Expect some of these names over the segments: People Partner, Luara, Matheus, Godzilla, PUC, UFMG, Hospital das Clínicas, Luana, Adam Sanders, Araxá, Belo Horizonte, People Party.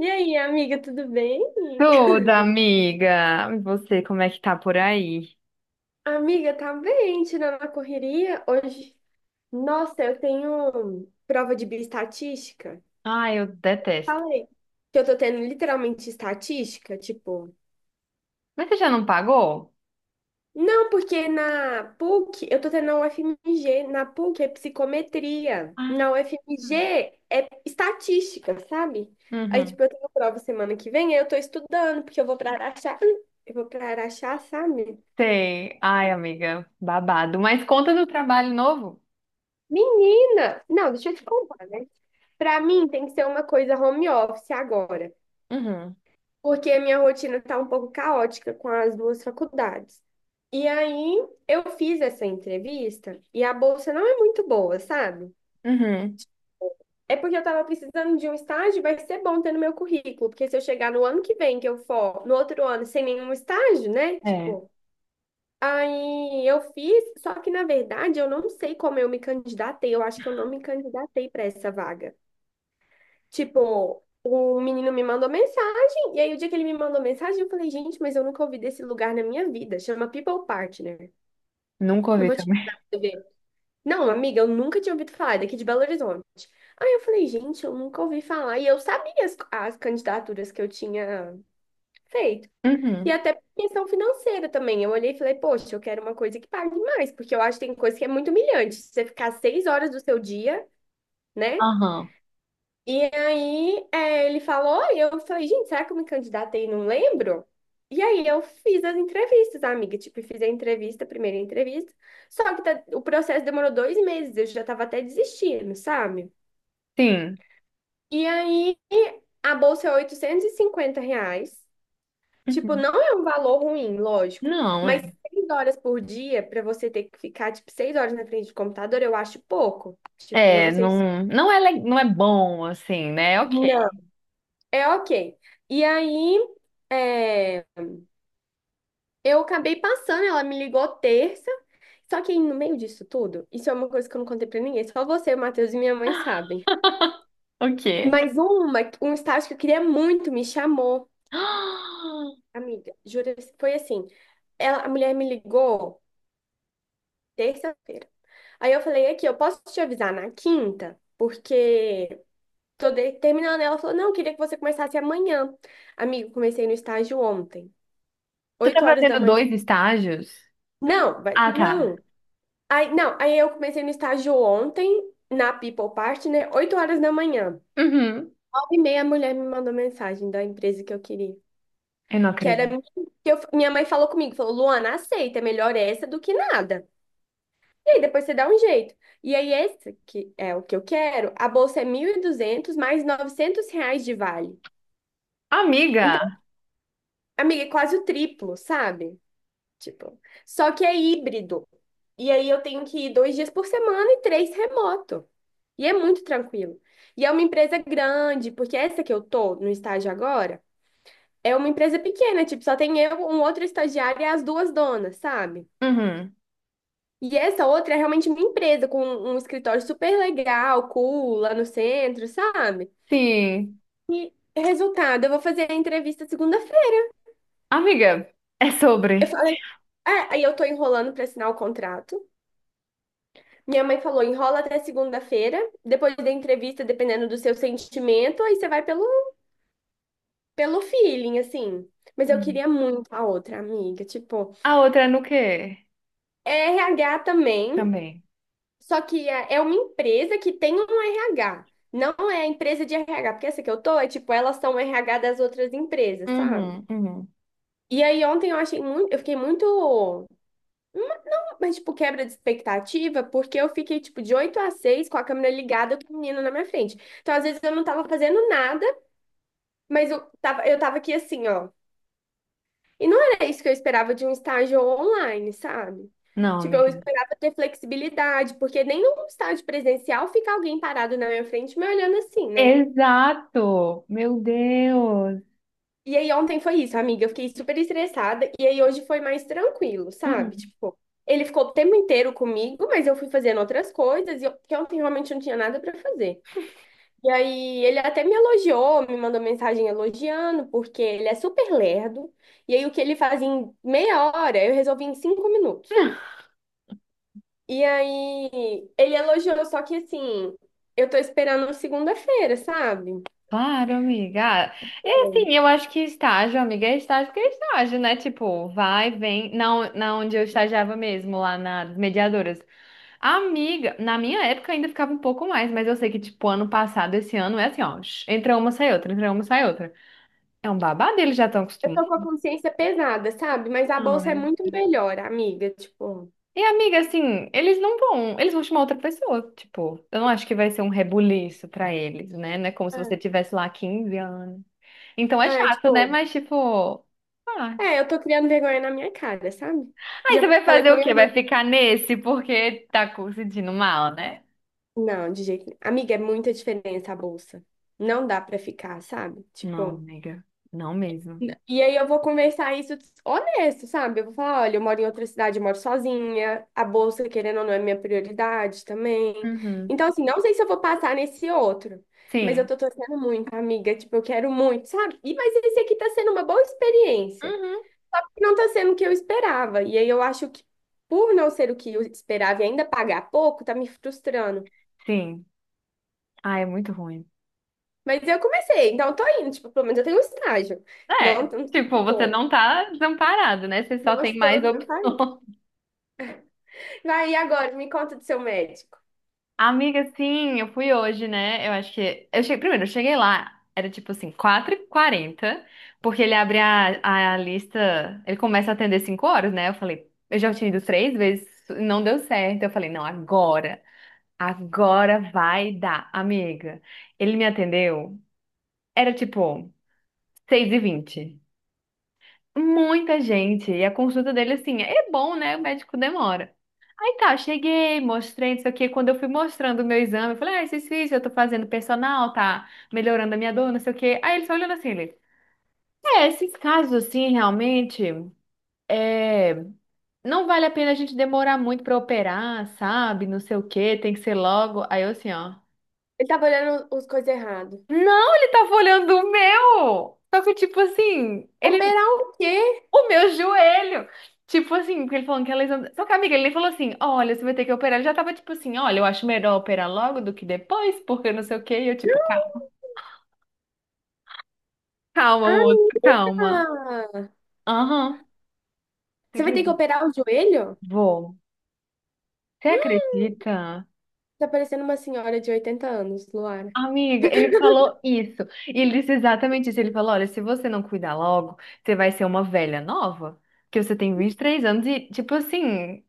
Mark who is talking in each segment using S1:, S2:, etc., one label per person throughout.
S1: E aí, amiga, tudo bem?
S2: Tudo, amiga. E você, como é que tá por aí?
S1: Amiga, tá bem, tirando a correria hoje. Nossa, eu tenho prova de bioestatística.
S2: Ai, eu detesto.
S1: Falei. Que eu tô tendo literalmente estatística, tipo.
S2: Mas você já não pagou?
S1: Não, porque na PUC eu tô tendo, na UFMG, na PUC é psicometria,
S2: Ah,
S1: na UFMG é estatística, sabe? Aí,
S2: uhum.
S1: tipo, eu tenho prova semana que vem, aí eu tô estudando, porque eu vou pra Araxá, eu vou pra Araxá, sabe?
S2: Sei. Ai, amiga, babado. Mas conta do trabalho novo?
S1: Menina! Não, deixa eu te contar, né? Pra mim tem que ser uma coisa home office agora,
S2: Uhum.
S1: porque a minha rotina tá um pouco caótica com as duas faculdades. E aí eu fiz essa entrevista e a bolsa não é muito boa, sabe?
S2: Uhum.
S1: É porque eu tava precisando de um estágio, vai ser bom ter no meu currículo, porque se eu chegar no ano que vem que eu for, no outro ano sem nenhum estágio, né?
S2: É,
S1: Tipo, aí eu fiz, só que na verdade eu não sei como eu me candidatei, eu acho que eu não me candidatei pra essa vaga. Tipo, o menino me mandou mensagem, e aí o dia que ele me mandou mensagem, eu falei, gente, mas eu nunca ouvi desse lugar na minha vida. Chama People Partner.
S2: nunca
S1: Eu
S2: ouvi
S1: vou te mandar
S2: também.
S1: pra você ver. Não, amiga, eu nunca tinha ouvido falar, é daqui de Belo Horizonte. Aí eu falei, gente, eu nunca ouvi falar. E eu sabia as candidaturas que eu tinha feito. E
S2: Uhum.
S1: até por questão financeira também. Eu olhei e falei, poxa, eu quero uma coisa que pague mais, porque eu acho que tem coisa que é muito humilhante. Você ficar 6 horas do seu dia, né?
S2: Aham.
S1: E aí, ele falou, e eu falei, gente, será que eu me candidatei e não lembro? E aí eu fiz as entrevistas, amiga. Tipo, fiz a entrevista, a primeira entrevista. O processo demorou 2 meses, eu já tava até desistindo, sabe?
S2: Sim.
S1: E aí a bolsa é R$850. Tipo,
S2: Uhum.
S1: não é um valor ruim, lógico.
S2: Não,
S1: Mas
S2: é.
S1: 6 horas por dia, pra você ter que ficar, tipo, 6 horas na frente do computador, eu acho pouco. Tipo,
S2: É,
S1: não sei se.
S2: não, não é, não é bom, assim, né? Ok.
S1: Não. É ok. E aí. É Eu acabei passando, ela me ligou terça. Só que aí, no meio disso tudo, isso é uma coisa que eu não contei pra ninguém, só você, o Matheus e minha mãe sabem.
S2: Ok.
S1: Mas um estágio que eu queria muito me chamou, amiga. Jura, foi assim. A mulher me ligou terça-feira. Aí eu falei aqui, eu posso te avisar na quinta, porque terminando. Ela falou, não, eu queria que você começasse amanhã. Amigo, comecei no estágio ontem,
S2: Você tá
S1: 8 horas da
S2: fazendo
S1: manhã.
S2: dois estágios?
S1: Não, vai,
S2: Ah, tá.
S1: não. Aí, não, aí eu comecei no estágio ontem, na People Party, né? 8 horas da manhã.
S2: Uhum.
S1: 9 e meia a mulher me mandou mensagem da empresa que eu queria.
S2: Eu não
S1: Que era
S2: acredito.
S1: minha- que eu- Minha mãe falou comigo, falou, Luana, aceita, é melhor essa do que nada. E aí depois você dá um jeito. E aí esse que é o que eu quero, a bolsa é 1.200 mais R$900 de vale. Então,
S2: Amiga!
S1: amiga, é quase o triplo, sabe? Tipo, só que é híbrido. E aí eu tenho que ir 2 dias por semana e três remoto. E é muito tranquilo. E é uma empresa grande, porque essa que eu tô no estágio agora é uma empresa pequena, tipo, só tem eu, um outro estagiário e as duas donas, sabe?
S2: Uhum.
S1: E essa outra é realmente uma empresa com um escritório super legal, cool, lá no centro, sabe?
S2: Sim.
S1: E resultado, eu vou fazer a entrevista segunda-feira.
S2: Amiga, é
S1: Eu
S2: sobre.
S1: falei, aí eu tô enrolando pra assinar o contrato. Minha mãe falou, enrola até segunda-feira, depois da entrevista, dependendo do seu sentimento, aí você vai pelo feeling, assim. Mas eu
S2: Uhum.
S1: queria muito a outra amiga, tipo,
S2: A outra é no quê?
S1: é RH também,
S2: Também.
S1: só que é uma empresa que tem um RH, não é empresa de RH, porque essa que eu tô é tipo, elas são RH das outras empresas, sabe?
S2: Uhum, uhum.
S1: E aí ontem eu achei muito, eu fiquei muito. Mas, tipo, quebra de expectativa, porque eu fiquei, tipo, de 8 a 6 com a câmera ligada com o menino na minha frente. Então, às vezes, eu não tava fazendo nada, mas eu tava aqui assim, ó. E não era isso que eu esperava de um estágio online, sabe?
S2: Não,
S1: Tipo, eu
S2: amiga.
S1: esperava ter flexibilidade, porque nem num estágio presencial fica alguém parado na minha frente me olhando assim, né?
S2: Exato! Meu Deus!
S1: E aí ontem foi isso, amiga. Eu fiquei super estressada. E aí hoje foi mais tranquilo, sabe?
S2: Uhum.
S1: Tipo, ele ficou o tempo inteiro comigo, mas eu fui fazendo outras coisas. E eu, porque ontem realmente não tinha nada pra fazer. E aí ele até me elogiou, me mandou mensagem elogiando, porque ele é super lerdo. E aí o que ele fazia em meia hora, eu resolvi em 5 minutos. E aí ele elogiou, só que assim, eu tô esperando segunda-feira, sabe?
S2: Claro, amiga. Ah, e assim, eu acho que estágio, amiga, é estágio que é estágio, né? Tipo, vai, vem. Na onde eu estagiava mesmo, lá nas mediadoras. Amiga, na minha época ainda ficava um pouco mais, mas eu sei que, tipo, ano passado, esse ano, é assim, ó, entra uma, sai outra, entra uma, sai outra. É um babado, eles já estão
S1: Eu tô
S2: acostumados.
S1: com a consciência pesada, sabe? Mas a bolsa é
S2: Ai.
S1: muito melhor, amiga. Tipo,
S2: E, amiga, assim, eles não vão, eles vão chamar outra pessoa, tipo, eu não acho que vai ser um rebuliço pra eles, né? Não é como se você tivesse lá 15 anos. Então é
S1: é, é,
S2: chato, né?
S1: tipo,
S2: Mas, tipo, ah.
S1: eu tô criando vergonha na minha cara, sabe?
S2: Aí você
S1: Já
S2: vai
S1: falei
S2: fazer
S1: com a
S2: o
S1: minha
S2: quê? Vai
S1: mãe.
S2: ficar nesse porque tá sentindo mal, né?
S1: Não, de jeito nenhum. Amiga, é muita diferença a bolsa. Não dá pra ficar, sabe?
S2: Não,
S1: Tipo.
S2: amiga, não mesmo.
S1: E aí eu vou conversar isso honesto, sabe? Eu vou falar, olha, eu moro em outra cidade, eu moro sozinha, a bolsa, querendo ou não, é minha prioridade também.
S2: Uhum.
S1: Então, assim, não sei se eu vou passar nesse outro, mas eu
S2: Sim.
S1: tô torcendo muito, amiga, tipo, eu quero muito, sabe? E mas esse aqui tá sendo uma boa experiência.
S2: Uhum.
S1: Não tá sendo o que eu esperava. E aí eu acho que por não ser o que eu esperava e ainda pagar pouco, tá me frustrando.
S2: Sim. Ah, é muito ruim.
S1: Mas eu comecei, então eu tô indo, tipo, pelo menos eu tenho um estágio. Não,
S2: É,
S1: não,
S2: tipo, você
S1: tipo,
S2: não tá desamparado, né? Você só
S1: não
S2: tem
S1: estou
S2: mais opções.
S1: Vai, e agora? Me conta do seu médico.
S2: Amiga, sim, eu fui hoje, né? Eu acho que. Eu cheguei... Primeiro, eu cheguei lá, era tipo assim, quatro h 40 porque ele abre a lista, ele começa a atender 5 horas, né? Eu falei, eu já tinha ido três vezes, não deu certo. Eu falei, não, agora, agora vai dar, amiga. Ele me atendeu, era tipo 6h20. Muita gente. E a consulta dele, assim, é bom, né? O médico demora. Aí tá, cheguei, mostrei isso aqui. Quando eu fui mostrando o meu exame, eu falei, ah, esses fiz, eu tô fazendo personal, tá melhorando a minha dor, não sei o quê. Aí ele só olhando assim, ele, é, esses casos, assim, realmente, é, não vale a pena a gente demorar muito pra operar, sabe? Não sei o quê, tem que ser logo. Aí eu assim, ó,
S1: Ele tava olhando os coisas errado.
S2: não, ele tava olhando o meu! Só que, tipo assim, ele
S1: Operar o quê?
S2: o meu joelho. Tipo assim, porque ele falou que a lesão. Só que, amiga, ele nem falou assim: olha, você vai ter que operar. Ele já tava tipo assim: olha, eu acho melhor operar logo do que depois, porque não sei o quê. E eu, tipo, calma, calma, moço,
S1: Amiga!
S2: calma. Aham. Você
S1: Você vai ter que
S2: acredita?
S1: operar o joelho?
S2: Vou. Você
S1: Hum,
S2: acredita?
S1: Tá parecendo uma senhora de 80 anos, Luara.
S2: Amiga, ele falou isso. E ele disse exatamente isso. Ele falou: olha, se você não cuidar logo, você vai ser uma velha nova, que você tem 23 anos e, tipo assim,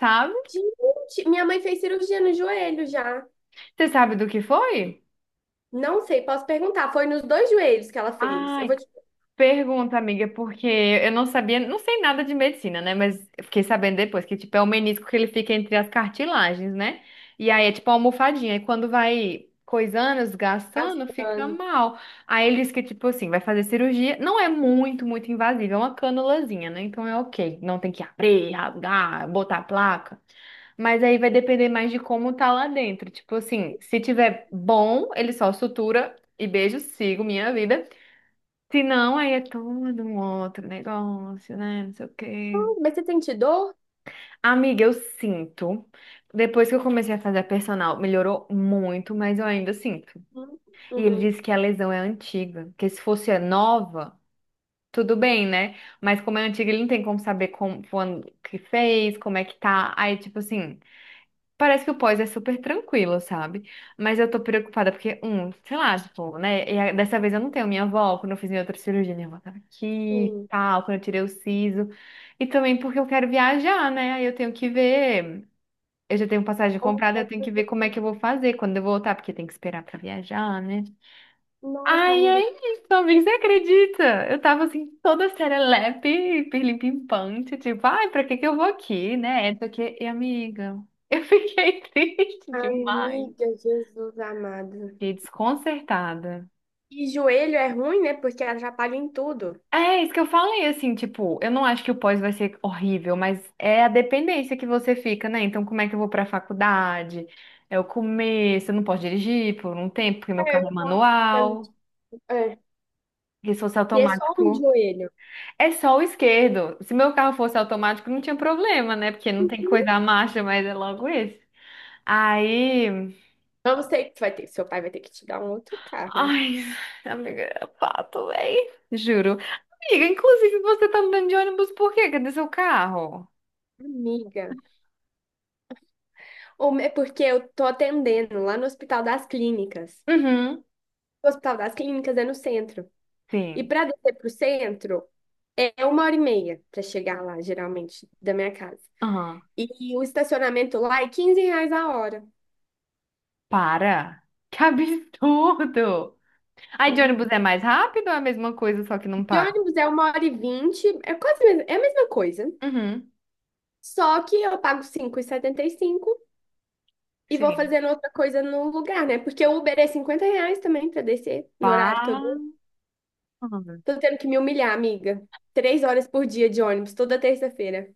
S2: sabe?
S1: Gente, minha mãe fez cirurgia no joelho já.
S2: Você sabe do que foi?
S1: Não sei, posso perguntar. Foi nos dois joelhos que ela fez. Eu vou
S2: Ai,
S1: te
S2: pergunta, amiga, porque eu não sabia, não sei nada de medicina, né? Mas eu fiquei sabendo depois que, tipo, é o menisco que ele fica entre as cartilagens, né? E aí é tipo uma almofadinha. E quando vai coisando, desgastando, fica
S1: gastando.
S2: mal. Aí ele diz que, tipo assim, vai fazer cirurgia. Não é muito, muito invasiva, é uma canulazinha, né? Então é ok. Não tem que abrir, rasgar, botar a placa. Mas aí vai depender mais de como tá lá dentro. Tipo assim, se tiver bom, ele só sutura e beijo, sigo minha vida. Se não, aí é todo um outro negócio, né? Não sei o
S1: Ah,
S2: quê.
S1: mas você sente dor?
S2: Amiga, eu sinto. Depois que eu comecei a fazer a personal, melhorou muito, mas eu ainda sinto.
S1: Uhum.
S2: E ele
S1: Uhum.
S2: disse que a lesão é antiga, que se fosse a nova, tudo bem, né? Mas como é antiga, ele não tem como saber como, quando que fez, como é que tá. Aí, tipo assim. Parece que o pós é super tranquilo, sabe? Mas eu tô preocupada porque, um, sei lá, tipo, né? E dessa vez eu não tenho minha avó, quando eu fiz minha outra cirurgia, minha avó tava aqui,
S1: Sim.
S2: tal, quando eu tirei o siso. E também porque eu quero viajar, né? Aí eu tenho que ver. Eu já tenho passagem
S1: Como que
S2: comprada,
S1: vai
S2: eu tenho que ver como é
S1: fazer?
S2: que eu vou fazer quando eu voltar, porque tem que esperar pra viajar, né?
S1: Nossa,
S2: Ai,
S1: amiga.
S2: ai, também você acredita? Eu tava assim, toda serelepe, hiperlimpante, tipo, ai, pra que que eu vou aqui, né? Só aqui e amiga, eu fiquei triste demais.
S1: Amiga, Jesus amado.
S2: Fiquei desconcertada.
S1: E joelho é ruim, né? Porque atrapalha em tudo.
S2: É isso que eu falei, assim, tipo, eu não acho que o pós vai ser horrível, mas é a dependência que você fica, né? Então, como é que eu vou pra faculdade? É o começo, eu não posso dirigir por um tempo, porque meu
S1: É,
S2: carro é
S1: eu tava pensando,
S2: manual,
S1: tipo, é.
S2: porque se fosse
S1: E é só um
S2: automático.
S1: joelho.
S2: É só o esquerdo. Se meu carro fosse automático, não tinha problema, né? Porque não tem que cuidar a marcha, mas é logo esse. Aí.
S1: Vamos ter que vai ter, seu pai vai ter que te dar um outro carro.
S2: Ai, amiga, é pato, véi. Juro. Amiga, inclusive você tá andando de ônibus por quê? Cadê seu carro?
S1: Amiga. Ou é porque eu tô atendendo lá no Hospital das Clínicas.
S2: Uhum.
S1: O Hospital das Clínicas é no centro. E
S2: Sim.
S1: para descer pro centro é 1 hora e meia para chegar lá, geralmente, da minha casa.
S2: Aham.
S1: E o estacionamento lá é R$15 a hora.
S2: Para. Que absurdo. Aí de ônibus é mais rápido ou é a mesma coisa, só que não
S1: De
S2: para?
S1: ônibus é 1 hora e 20, é quase é a mesma coisa.
S2: Uhum.
S1: Só que eu pago cinco e setenta e cinco e vou
S2: Sim.
S1: fazendo outra coisa no lugar, né? Porque o Uber é R$50 também pra descer no horário que eu
S2: Para.
S1: dou. Tô tendo que me humilhar, amiga. 3 horas por dia de ônibus, toda terça-feira.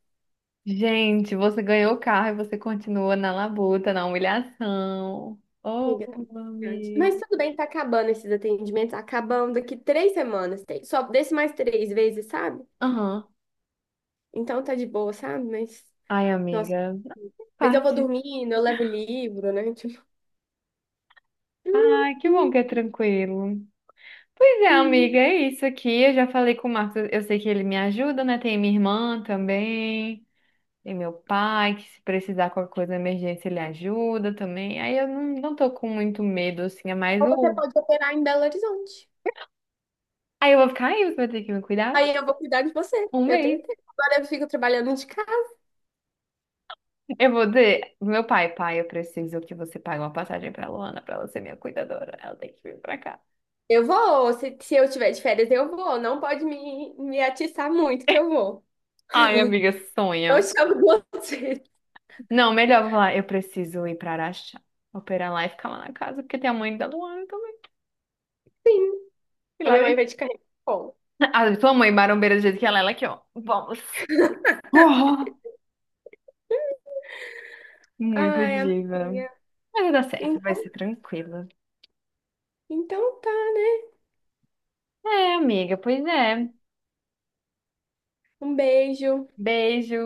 S2: Gente, você ganhou o carro e você continua na labuta, na humilhação. Oh,
S1: Amiga, tá muito grande.
S2: amiga.
S1: Mas tudo bem, tá acabando esses atendimentos. Tá acabando daqui 3 semanas. Só desce mais 3 vezes, sabe?
S2: Aham.
S1: Então tá de boa, sabe? Mas,
S2: Ai,
S1: nossa.
S2: amiga. Na
S1: Mas eu vou
S2: parte.
S1: dormindo, eu levo livro, né? Tipo, hum,
S2: Ai, que bom
S1: hum,
S2: que é tranquilo. Pois é,
S1: sim.
S2: amiga, é isso aqui. Eu já falei com o Marcos. Eu sei que ele me ajuda, né? Tem minha irmã também. Tem meu pai, que se precisar de qualquer coisa, de emergência, ele ajuda também. Aí eu não, não tô com muito medo, assim. É mais
S1: Ou você
S2: o.
S1: pode operar em Belo Horizonte.
S2: Aí eu vou ficar aí, você vai ter que me cuidar.
S1: Aí eu vou cuidar de você.
S2: Um
S1: Eu tenho
S2: mês.
S1: tempo. Agora eu fico trabalhando de casa.
S2: Eu vou dizer, pro meu pai, pai, eu preciso que você pague uma passagem pra Luana pra ela ser minha cuidadora. Ela tem que vir pra cá.
S1: Eu vou. Se eu tiver de férias, eu vou. Não pode me atiçar muito, que eu vou.
S2: Ai, amiga,
S1: Eu
S2: sonho.
S1: chamo você.
S2: Não, melhor eu vou falar, eu preciso ir pra Araxá, operar lá e ficar lá na casa, porque tem a mãe da Luana também.
S1: Sim.
S2: E
S1: A
S2: lá
S1: minha mãe
S2: dentro.
S1: vai te carregar. Bom.
S2: A tua mãe, marombeira do jeito que ela é aqui, ó. Vamos. Oh, muito
S1: Ai,
S2: diva.
S1: amiga.
S2: Mas vai dar certo, vai
S1: Então,
S2: ser tranquila.
S1: então tá, né?
S2: É, amiga, pois é.
S1: Um beijo.
S2: Beijo.